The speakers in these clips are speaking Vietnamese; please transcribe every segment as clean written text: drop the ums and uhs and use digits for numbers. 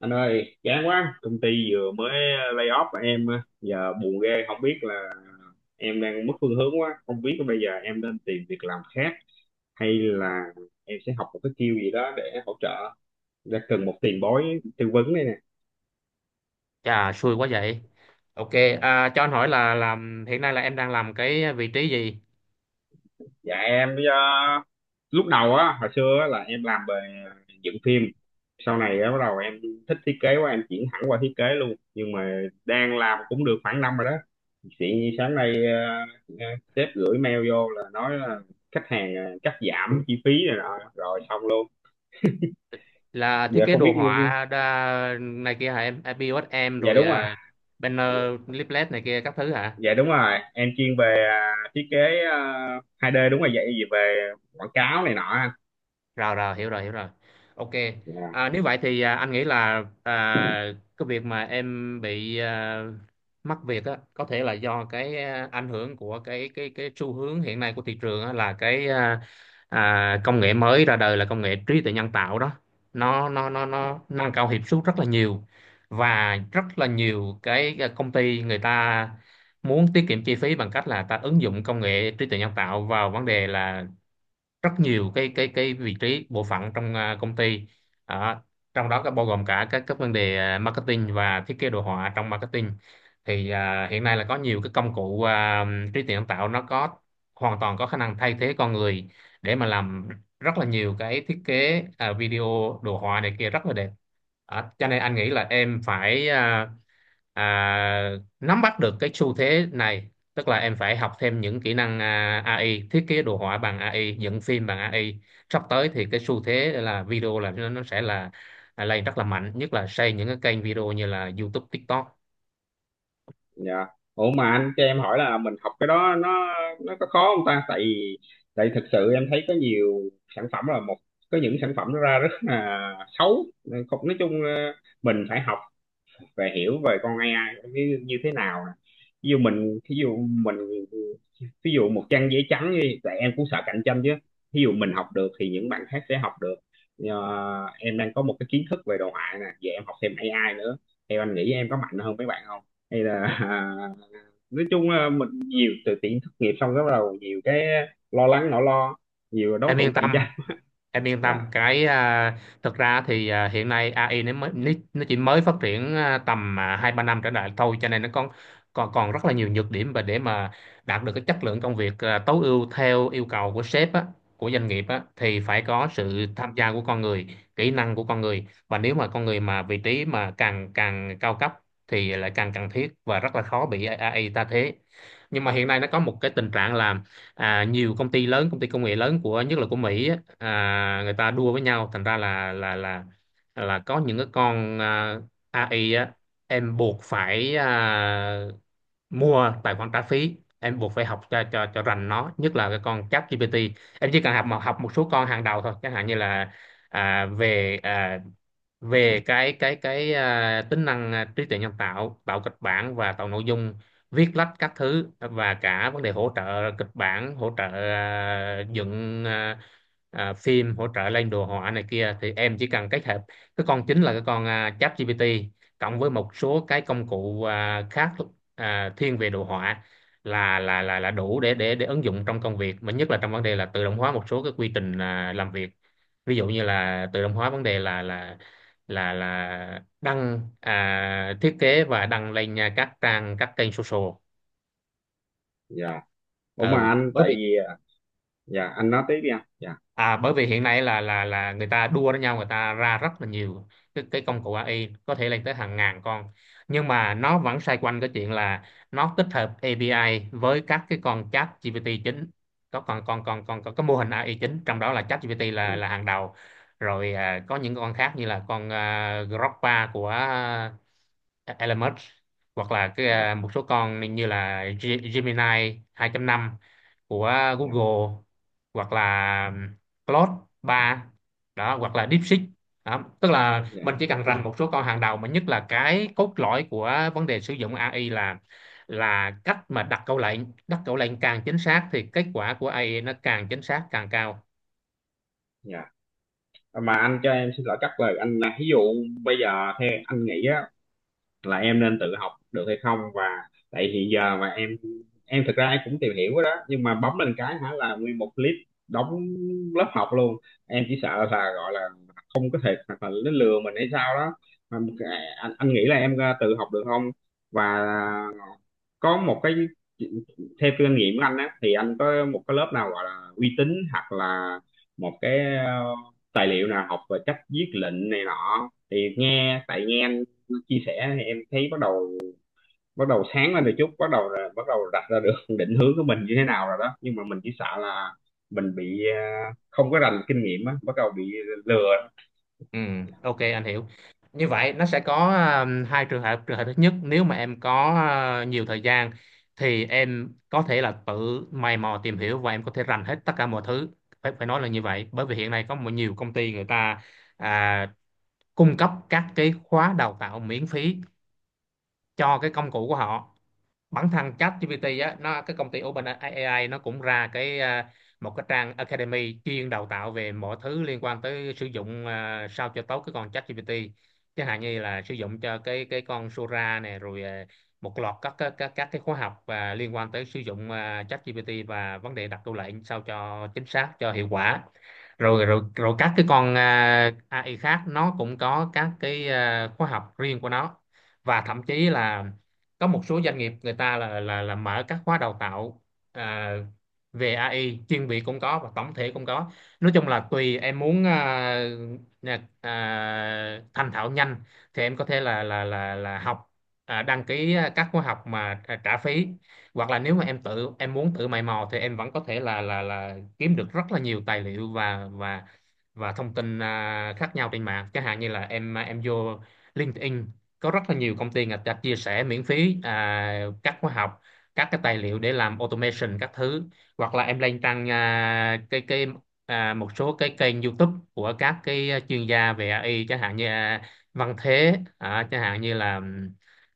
Anh ơi, chán quá, công ty vừa mới lay off và em giờ buồn ghê, không biết là em đang mất phương hướng quá, không biết bây giờ em nên tìm việc làm khác hay là em sẽ học một cái skill gì đó để hỗ trợ, đã cần một tiền bối tư vấn đây nè. Chà, xui quá vậy. Ok, cho anh hỏi là làm hiện nay là em đang làm cái vị trí gì? Dạ em bây giờ lúc đầu á hồi xưa á, là em làm về dựng phim. Sau này á bắt đầu em thích thiết kế quá em chuyển hẳn qua thiết kế luôn, nhưng mà đang làm cũng được khoảng năm rồi đó chị. Sáng nay sếp gửi mail vô là nói là khách hàng cắt giảm chi phí này nọ rồi xong luôn. Là thiết Giờ kế không biết. đồ Ừ, ừ. họa đa, này kia hả em? À, POS em Dạ rồi đúng rồi. Banner, leaflet này kia các thứ hả? Dạ đúng rồi, em chuyên về thiết kế 2D, đúng rồi vậy, về quảng cáo này nọ anh. Rồi rồi, hiểu rồi hiểu rồi, ok. Dạ. Nếu vậy thì anh nghĩ là cái việc mà em bị mất việc á có thể là do cái ảnh hưởng của cái xu hướng hiện nay của thị trường á, là cái công nghệ mới ra đời là công nghệ trí tuệ nhân tạo đó. Nó nâng cao hiệu suất rất là nhiều, và rất là nhiều cái công ty người ta muốn tiết kiệm chi phí bằng cách là ta ứng dụng công nghệ trí tuệ nhân tạo vào vấn đề là rất nhiều cái vị trí bộ phận trong công ty. Đó, trong đó có bao gồm cả các vấn đề marketing và thiết kế đồ họa trong marketing, thì hiện nay là có nhiều cái công cụ trí tuệ nhân tạo, nó có hoàn toàn có khả năng thay thế con người để mà làm rất là nhiều cái thiết kế video, đồ họa này kia rất là đẹp. Đó, cho nên anh nghĩ là em phải à, nắm bắt được cái xu thế này, tức là em phải học thêm những kỹ năng AI, thiết kế đồ họa bằng AI, dựng phim bằng AI. Sắp tới thì cái xu thế là video, là nó sẽ là lên rất là mạnh, nhất là xây những cái kênh video như là YouTube, TikTok. Dạ. Ủa mà anh cho em hỏi là mình học cái đó nó có khó không ta? Tại tại thực sự em thấy có nhiều sản phẩm là một, có những sản phẩm nó ra rất là xấu. Không, nói chung mình phải học về hiểu về con AI như thế nào nè. Ví dụ mình ví dụ mình Ví dụ một trang giấy trắng đi, tại em cũng sợ cạnh tranh chứ. Ví dụ mình học được thì những bạn khác sẽ học được. Ờ, em đang có một cái kiến thức về đồ họa nè, vậy em học thêm AI nữa. Theo anh nghĩ em có mạnh hơn mấy bạn không? Hay là nói chung là mình nhiều từ tiện thất nghiệp xong cái bắt đầu nhiều cái lo lắng, nỗi lo, nhiều đối Em thủ yên cạnh tâm, tranh. em yên Dạ. tâm cái thực ra thì hiện nay AI nó mới, nó chỉ mới phát triển tầm hai ba năm trở lại thôi, cho nên nó còn còn còn rất là nhiều nhược điểm, và để mà đạt được cái chất lượng công việc tối ưu theo yêu cầu của sếp á, của doanh nghiệp á, thì phải có sự tham gia của con người, kỹ năng của con người, và nếu mà con người mà vị trí mà càng càng cao cấp thì lại càng cần thiết và rất là khó bị AI ta thế. Nhưng mà hiện nay nó có một cái tình trạng là nhiều công ty lớn, công ty công nghệ lớn của, nhất là của Mỹ á, người ta đua với nhau, thành ra là có những cái con AI á, em buộc phải mua tài khoản trả phí, em buộc phải học cho rành nó, nhất là cái con ChatGPT. Em chỉ cần học, mà học một số con hàng đầu thôi, chẳng hạn như là à, về à, về cái tính năng trí tuệ nhân tạo, tạo kịch bản và tạo nội dung, viết lách các thứ, và cả vấn đề hỗ trợ kịch bản, hỗ trợ dựng phim, hỗ trợ lên đồ họa này kia, thì em chỉ cần kết hợp cái con chính là cái con ChatGPT cộng với một số cái công cụ khác, thiên về đồ họa, là đủ để ứng dụng trong công việc, mà nhất là trong vấn đề là tự động hóa một số cái quy trình làm việc. Ví dụ như là tự động hóa vấn đề là đăng thiết kế và đăng lên các trang, các kênh social. Dạ. Ủa mà Ừ. anh bởi tại vì vì dạ, anh nói tiếp đi anh. Dạ. À, bởi vì hiện nay là người ta đua với nhau, người ta ra rất là nhiều cái công cụ AI, có thể lên tới hàng ngàn con, nhưng mà nó vẫn xoay quanh cái chuyện là nó tích hợp API với các cái con chat GPT chính, có còn còn còn còn có cái mô hình AI chính trong đó là chat GPT là Ừ. Hàng đầu. Rồi có những con khác như là con Grokpa của Elements, hoặc là cái Dạ. một số con như là Gemini 2.5 của Dạ. Google, hoặc là Claude 3 đó, hoặc là DeepSeek đó. Tức là Dạ. mình chỉ cần rành một số con hàng đầu, mà nhất là cái cốt lõi của vấn đề sử dụng AI là cách mà đặt câu lệnh. Đặt câu lệnh càng chính xác thì kết quả của AI nó càng chính xác, càng cao. Dạ. À, mà anh cho em xin lỗi cắt lời anh là ví dụ bây giờ theo anh nghĩ á là em nên tự học được hay không, và tại hiện giờ mà em thực ra em cũng tìm hiểu đó nhưng mà bấm lên cái hả là nguyên một clip đóng lớp học luôn. Em chỉ sợ là gọi là không có thể hoặc là nó lừa mình hay sao đó mà anh nghĩ là em tự học được không, và có một cái theo kinh nghiệm của anh á thì anh có một cái lớp nào gọi là uy tín hoặc là một cái tài liệu nào học về cách viết lệnh này nọ thì nghe tại nghe anh chia sẻ thì em thấy bắt đầu sáng lên được chút, bắt đầu là bắt đầu đặt ra được định hướng của mình như thế nào rồi đó, nhưng mà mình chỉ sợ là mình bị không có rành kinh nghiệm á bắt đầu bị lừa. Ừ, ok, anh hiểu. Như vậy nó sẽ có hai trường hợp. Trường hợp thứ nhất, nếu mà em có nhiều thời gian thì em có thể là tự mày mò tìm hiểu và em có thể rành hết tất cả mọi thứ. Phải phải nói là như vậy, bởi vì hiện nay có một nhiều công ty người ta à, cung cấp các cái khóa đào tạo miễn phí cho cái công cụ của họ. Bản thân ChatGPT á, nó, cái công ty OpenAI nó cũng ra cái một cái trang Academy chuyên đào tạo về mọi thứ liên quan tới sử dụng sao cho tốt cái con ChatGPT, chẳng hạn như là sử dụng cho cái con Sora này, rồi một loạt các cái khóa học và liên quan tới sử dụng ChatGPT và vấn đề đặt câu lệnh sao cho chính xác, cho hiệu quả. Rồi rồi rồi các cái con AI khác nó cũng có các cái khóa học riêng của nó, và thậm chí là có một số doanh nghiệp người ta là mở các khóa đào tạo à, về AI chuyên biệt cũng có, và tổng thể cũng có. Nói chung là tùy em muốn thành thạo nhanh, thì em có thể là học đăng ký các khóa học mà trả phí, hoặc là nếu mà em tự, em muốn tự mày mò thì em vẫn có thể là kiếm được rất là nhiều tài liệu và thông tin khác nhau trên mạng, chẳng hạn như là em vô LinkedIn, có rất là nhiều công ty người ta chia sẻ miễn phí các khóa học, các cái tài liệu để làm automation các thứ. Hoặc là em lên trang một số cái kênh YouTube của các cái chuyên gia về AI, chẳng hạn như Văn Thế, chẳng hạn như là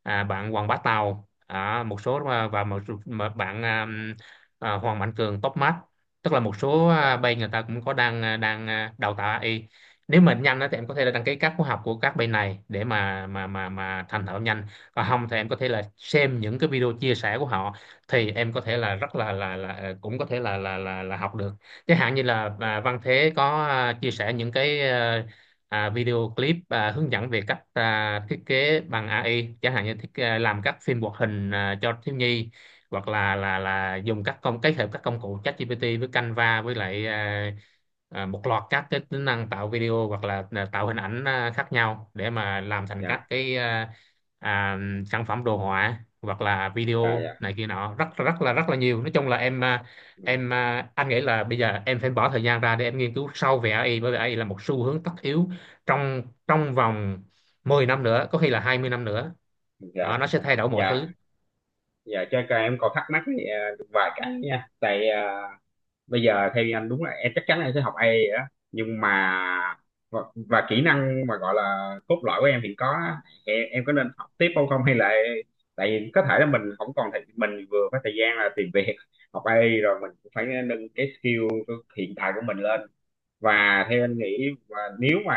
bạn Hoàng Bá Tàu, một số và mà bạn Hoàng Mạnh Cường Topmart, tức là một số Dạ. bên người ta cũng có đang đào tạo AI. Nếu mà nhanh á Dạ. thì em có thể là đăng ký các khóa học của các bên này để mà thành thạo nhanh, còn không thì em có thể là xem những cái video chia sẻ của họ, thì em có thể là rất là cũng có thể là học được. Chẳng hạn như là Dạ. Văn Thế có chia sẻ những cái video clip hướng dẫn về cách thiết kế bằng AI, chẳng hạn như làm các phim hoạt hình cho thiếu nhi, hoặc là dùng các công, kết hợp các công cụ ChatGPT với Canva, với lại một loạt các cái tính năng tạo video hoặc là tạo hình ảnh khác nhau để mà làm thành các Dạ. cái à, sản phẩm đồ họa hoặc là Dạ. Dạ. video này kia nọ, rất rất là nhiều. Nói chung là em Ừ. Anh nghĩ là bây giờ em phải bỏ thời gian ra để em nghiên cứu sâu về AI, bởi vì AI là một xu hướng tất yếu trong trong vòng 10 năm nữa, có khi là 20 năm nữa. Đó, Dạ. nó sẽ thay đổi mọi Dạ. thứ. Dạ cho em còn thắc mắc thì, vài cái nha tại bây giờ theo anh đúng là em chắc chắn là em sẽ học AI rồi đó. Nhưng mà và, và kỹ năng mà gọi là cốt lõi của em hiện có á, em có nên học tiếp không không, hay là tại vì có thể là mình không còn thời, mình vừa có thời gian là tìm việc, học AI rồi mình cũng phải nâng cái skill hiện tại của mình lên. Và theo anh nghĩ, và nếu mà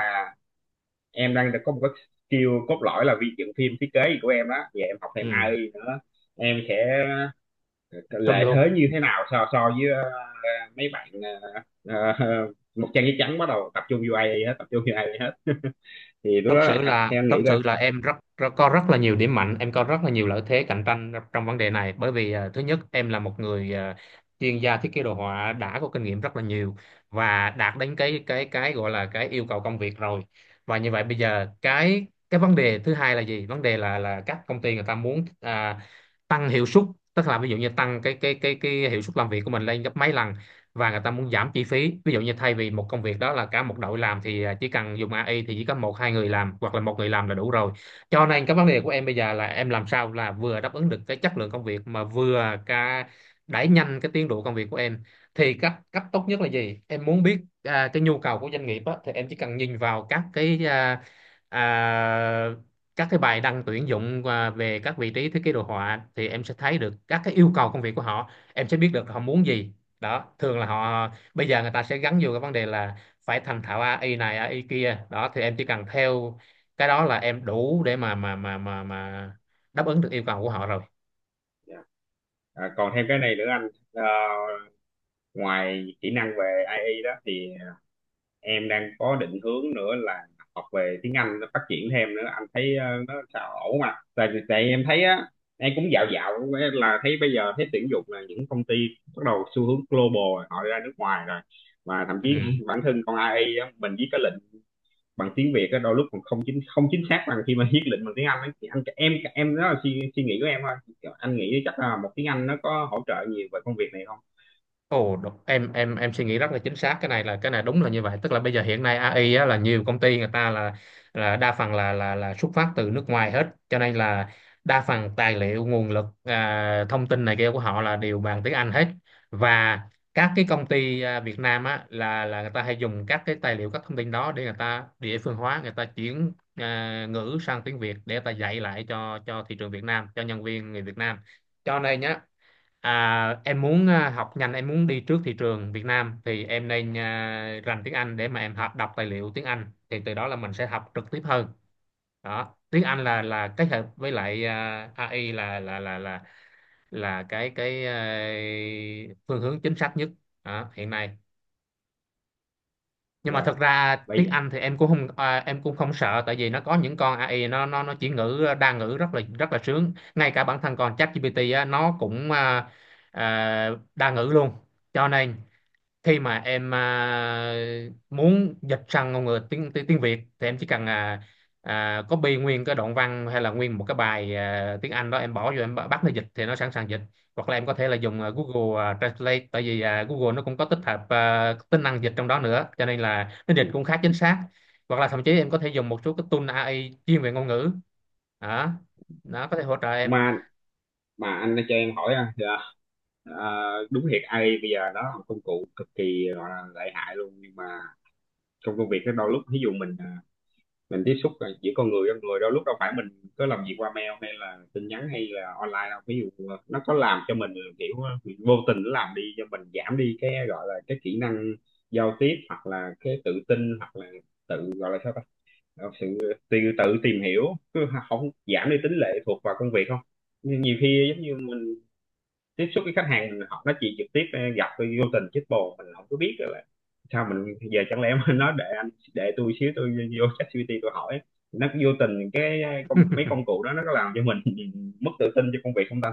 em đang có một cái skill cốt lõi là vi dựng phim thiết kế gì của em đó, giờ em học thêm Ừ, AI nữa em sẽ trùm lợi luôn. thế như thế nào so so với ờ, mấy bạn ờ, ờ, một trang giấy trắng bắt đầu tập trung vô AI hết, tập trung vô AI hết thì lúc thật đó sự anh- là theo anh thật nghĩ là. sự là em rất, rất có rất là nhiều điểm mạnh, em có rất là nhiều lợi thế cạnh tranh trong vấn đề này, bởi vì thứ nhất, em là một người chuyên gia thiết kế đồ họa đã có kinh nghiệm rất là nhiều và đạt đến cái gọi là cái yêu cầu công việc rồi. Và như vậy bây giờ cái vấn đề thứ hai là gì, vấn đề là các công ty người ta muốn tăng hiệu suất, tức là ví dụ như tăng cái hiệu suất làm việc của mình lên gấp mấy lần, và người ta muốn giảm chi phí, ví dụ như thay vì một công việc đó là cả một đội làm thì chỉ cần dùng AI thì chỉ có một hai người làm hoặc là một người làm là đủ rồi. Cho nên cái vấn đề của em bây giờ là em làm sao là vừa đáp ứng được cái chất lượng công việc mà vừa cả đẩy nhanh cái tiến độ công việc của em, thì cách cách tốt nhất là gì em muốn biết. Cái nhu cầu của doanh nghiệp á, thì em chỉ cần nhìn vào các à, các cái bài đăng tuyển dụng về các vị trí thiết kế đồ họa thì em sẽ thấy được các cái yêu cầu công việc của họ, em sẽ biết được họ muốn gì. Đó, thường là họ bây giờ người ta sẽ gắn vô cái vấn đề là phải thành thạo AI này AI kia. Đó thì em chỉ cần theo cái đó là em đủ để mà đáp ứng được yêu cầu của họ rồi. Dạ. À, còn thêm cái này nữa anh. Ờ, ngoài kỹ năng về AI đó thì em đang có định hướng nữa là học về tiếng Anh, nó phát triển thêm nữa, anh thấy nó sao ổn mà tại tại em thấy á em cũng dạo dạo là thấy bây giờ thấy tuyển dụng là những công ty bắt đầu xu hướng global rồi, họ ra nước ngoài rồi, mà thậm Ừ. chí bản thân con AI á, mình viết cái lệnh bằng tiếng Việt á đôi lúc còn không chính xác bằng khi mà viết lệnh bằng tiếng Anh á. Thì anh em đó là suy nghĩ của em thôi, anh nghĩ chắc là một tiếng Anh nó có hỗ trợ nhiều về công việc này không. Ồ, em suy nghĩ rất là chính xác, cái này là cái này đúng là như vậy. Tức là bây giờ hiện nay AI á, là nhiều công ty người ta là đa phần là xuất phát từ nước ngoài hết, cho nên là đa phần tài liệu nguồn lực, thông tin này kia của họ là đều bằng tiếng Anh hết. Và các cái công ty Việt Nam á, là người ta hay dùng các cái tài liệu các thông tin đó để người ta địa phương hóa, người ta chuyển ngữ sang tiếng Việt để người ta dạy lại cho thị trường Việt Nam, cho nhân viên người Việt Nam. Cho nên nhá, À, em muốn học nhanh, em muốn đi trước thị trường Việt Nam thì em nên rành tiếng Anh để mà em học đọc tài liệu tiếng Anh, thì từ đó là mình sẽ học trực tiếp hơn. Đó, tiếng Anh là kết hợp với lại AI là cái phương hướng chính xác nhất đó, hiện nay. Nhưng mà Dạ thật ra bây tiếng giờ. Anh thì em cũng không em cũng không sợ, tại vì nó có những con AI nó chỉ ngữ đa ngữ rất là sướng, ngay cả bản thân con ChatGPT á, nó cũng à, đa ngữ luôn. Cho nên khi mà em muốn dịch sang ngôn ngữ tiếng tiếng, tiếng Việt thì em chỉ cần copy nguyên cái đoạn văn hay là nguyên một cái bài tiếng Anh đó, em bỏ vô em bắt nó dịch thì nó sẵn sàng dịch. Hoặc là em có thể là dùng Google Translate, tại vì Google nó cũng có tích hợp tính năng dịch trong đó nữa, cho nên là nó dịch Ừ. cũng khá chính xác. Hoặc là thậm chí em có thể dùng một số cái tool AI chuyên về ngôn ngữ đó, nó có thể hỗ trợ em. mà mà anh đã cho em hỏi à, dạ, à, đúng thiệt AI bây giờ nó là một công cụ cực kỳ gọi là lợi hại luôn, nhưng mà trong công việc đó đôi lúc ví dụ mình mình tiếp xúc là giữa con người với con người, đôi lúc đâu phải mình cứ làm việc qua mail hay là tin nhắn hay là online đâu, ví dụ nó có làm cho mình kiểu vô tình nó làm đi cho mình giảm đi cái gọi là cái kỹ năng giao tiếp hoặc là cái tự tin hoặc là tự gọi là sao ta. Ờ, sự tự tự tìm hiểu, cứ không giảm đi tính lệ thuộc vào công việc không? Nhưng nhiều khi tiếp xúc với khách hàng họ nói chuyện trực tiếp gặp tôi vô tình chết bồ mình không có biết rồi là sao, mình giờ chẳng lẽ mình nói để anh để tôi xíu, tôi vô ChatGPT tôi hỏi nó, vô tình cái công mấy công cụ đó nó có làm cho mình mất tự tin cho công việc không ta?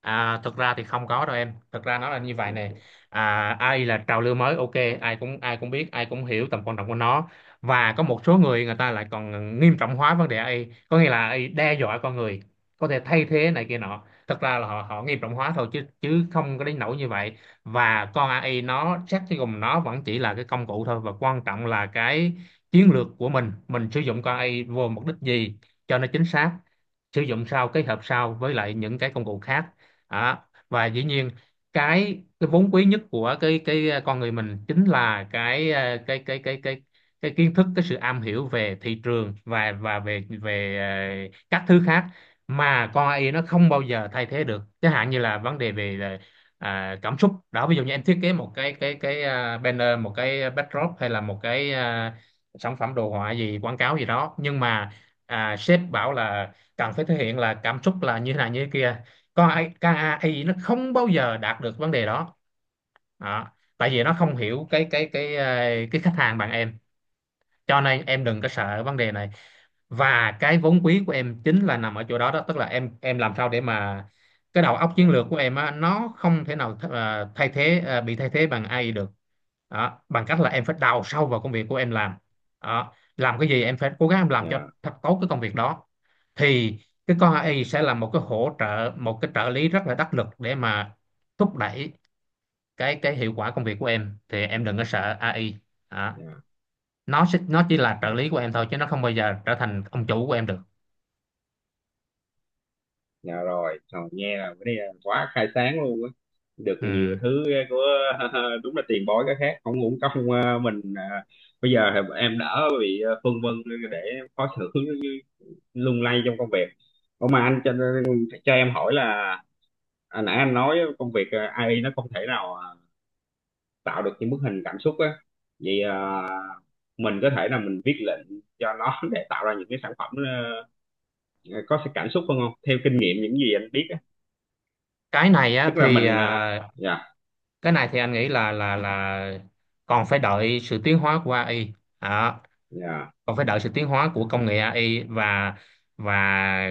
À, thực ra thì không có đâu em. Thực ra nó là như vậy nè. À, AI là trào lưu mới, ok, ai cũng biết, ai cũng hiểu tầm quan trọng của nó. Và có một số người, người ta lại còn nghiêm trọng hóa vấn đề AI, có nghĩa là AI đe dọa con người, có thể thay thế này kia nọ. Thực ra là họ họ nghiêm trọng hóa thôi, chứ chứ không có đến nỗi như vậy. Và con AI nó xét cho cùng nó vẫn chỉ là cái công cụ thôi, và quan trọng là cái chiến lược của mình sử dụng con AI vô mục đích gì cho nó chính xác, sử dụng sao kết hợp sao với lại những cái công cụ khác đó. Và dĩ nhiên cái vốn quý nhất của con người mình chính là cái ờ, cái kiến thức, cái sự am hiểu về thị trường và về về ờ, các thứ khác mà con AI nó không bao giờ thay thế được, chẳng hạn như là vấn đề về là, cảm xúc đó. Ví dụ như em thiết kế một cái banner, một cái backdrop, hay là một cái sản phẩm đồ họa gì quảng cáo gì đó, nhưng mà sếp bảo là cần phải thể hiện là cảm xúc là như thế này như thế kia, coi KAI nó không bao giờ đạt được vấn đề đó. Đó, tại vì nó không hiểu cái khách hàng bạn em, cho nên em đừng có sợ vấn đề này. Và cái vốn quý của em chính là nằm ở chỗ đó đó, tức là em làm sao để mà cái đầu óc Dạ. chiến lược của em á, nó không thể nào th ờ, thay thế ờ, bị thay thế bằng AI được. Đó, bằng cách là em phải đào sâu vào công việc của em làm. Đó, làm cái gì em phải cố gắng em làm cho Dạ. thật tốt cái công việc đó, thì cái con AI sẽ là một cái hỗ trợ, một cái trợ lý rất là đắc lực để mà thúc đẩy cái hiệu quả công việc của em. Thì em đừng có sợ AI đó, Dạ. Nó chỉ là trợ Dạ. lý của em thôi, chứ nó không bao giờ trở thành ông chủ của em được. Dạ rồi. Trời, nghe là cái này là quá khai sáng luôn á, được Ừ. nhiều thứ của đúng là tiền bối cái khác, không uổng công mình. Ờ, bây giờ thì em đỡ bị phân vân, để khó xử, lung lay trong công việc. Ủa mà anh cho em hỏi là nãy anh nói công việc AI nó không thể nào tạo được những bức hình cảm xúc á, vậy mình có thể là mình viết lệnh cho nó để tạo ra những cái sản phẩm ờ, có sự cảm xúc hơn không, theo kinh nghiệm những gì anh biết á? cái này á Tức là thì mình à, dạ. cái này thì anh nghĩ là còn phải đợi sự tiến hóa của AI. Đó, Dạ. còn phải đợi sự tiến hóa của công nghệ AI, và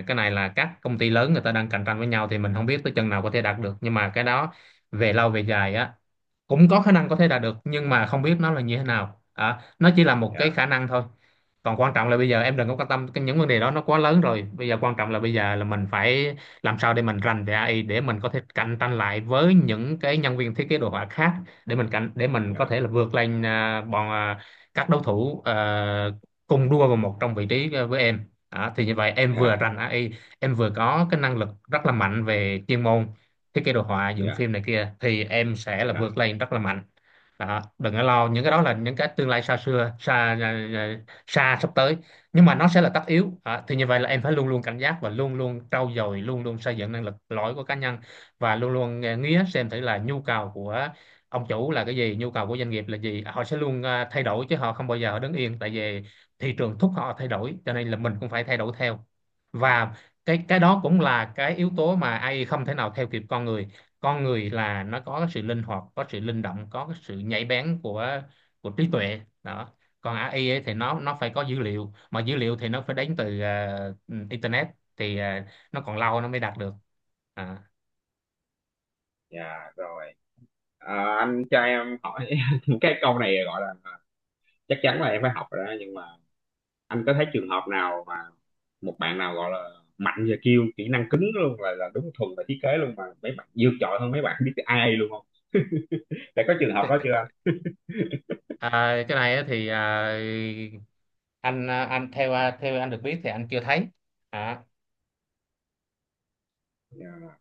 cái này là các công ty lớn người ta đang cạnh tranh với nhau, thì mình không biết tới chừng nào có thể đạt được, nhưng mà cái đó về lâu về dài á, cũng có khả năng có thể đạt được, nhưng mà không biết nó là như thế nào, nó chỉ là một cái Dạ. khả năng thôi. Còn quan trọng là bây giờ em đừng có quan tâm cái những vấn đề đó, nó quá lớn rồi. Bây giờ quan trọng là bây giờ là mình phải làm sao để mình rành về AI, để mình có thể cạnh tranh lại với những cái nhân viên thiết kế đồ họa khác, để mình có Dạ. thể là vượt lên các đối thủ cùng đua vào một trong vị trí với em đó. Thì như vậy em vừa Dạ. rành AI, em vừa có cái năng lực rất là mạnh về chuyên môn thiết kế đồ họa dựng Dạ. phim này kia, thì em sẽ là Dạ. vượt lên rất là mạnh. Đó, đừng có Dạ. lo, những cái đó là những cái tương lai xa xưa xa xa, sắp tới nhưng mà nó sẽ là tất yếu. Đó, thì như vậy là em phải luôn luôn cảnh giác, và luôn luôn trau dồi, luôn luôn xây dựng năng lực lõi của cá nhân, và luôn luôn nghía xem thử là nhu cầu của ông chủ là cái gì, nhu cầu của doanh nghiệp là gì. Họ sẽ luôn thay đổi chứ họ không bao giờ họ đứng yên, tại vì thị trường thúc họ thay đổi, cho nên là mình cũng phải thay đổi theo. Và cái đó cũng là cái yếu tố mà AI không thể nào theo kịp con người. Con người là nó có cái sự linh hoạt, có sự linh động, có cái sự nhạy bén của trí tuệ đó. Còn AI ấy thì nó phải có dữ liệu, mà dữ liệu thì nó phải đến từ internet, thì nó còn lâu nó mới đạt được. À. Dạ, rồi. À, anh cho em hỏi cái câu này gọi là chắc chắn là em phải học rồi đó, nhưng mà anh có thấy trường hợp nào mà một bạn nào gọi là mạnh về kiêu kỹ năng cứng luôn là đúng thuần về thiết kế luôn mà mấy bạn vượt trội hơn mấy bạn biết ai luôn không? Đã có trường hợp đó chưa anh? À, cái này á thì à, anh ờ, anh theo ờ, theo anh được biết thì anh chưa thấy. À, Dạ.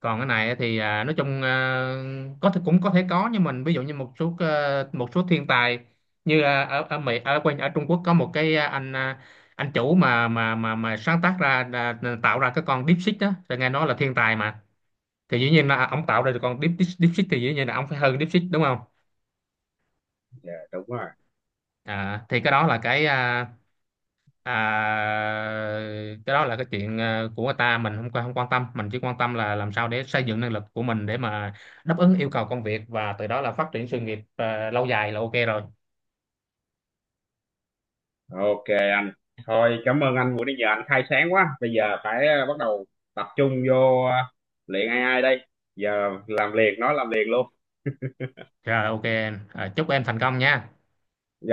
còn cái này thì nói chung có thể cũng có thể có, nhưng mình ví dụ như một số thiên tài, như ở ở Mỹ, ở quanh ở Trung Quốc, có một cái anh chủ mà sáng tác ra ra- tạo ra cái con DeepSeek đó, thì nghe nói là thiên tài mà. Thì dĩ nhiên là ông tạo ra được con Deep, Deep, DeepSeek thì dĩ nhiên là ông phải hơn DeepSeek đúng không. Dạ, đúng rồi. À, thì cái đó là à, cái chuyện của người ta, mình không quan tâm. Mình chỉ quan tâm là làm sao để xây dựng năng lực của mình để mà đáp ứng yêu cầu công việc, và từ đó là phát triển sự nghiệp lâu dài là ok rồi. Ok anh. Thôi cảm ơn anh, buổi nãy giờ anh khai sáng quá, bây giờ phải bắt đầu tập trung vô luyện AI đây. Giờ làm liền, nói làm liền luôn. Rồi ok em. Ờ, chúc em thành công nha.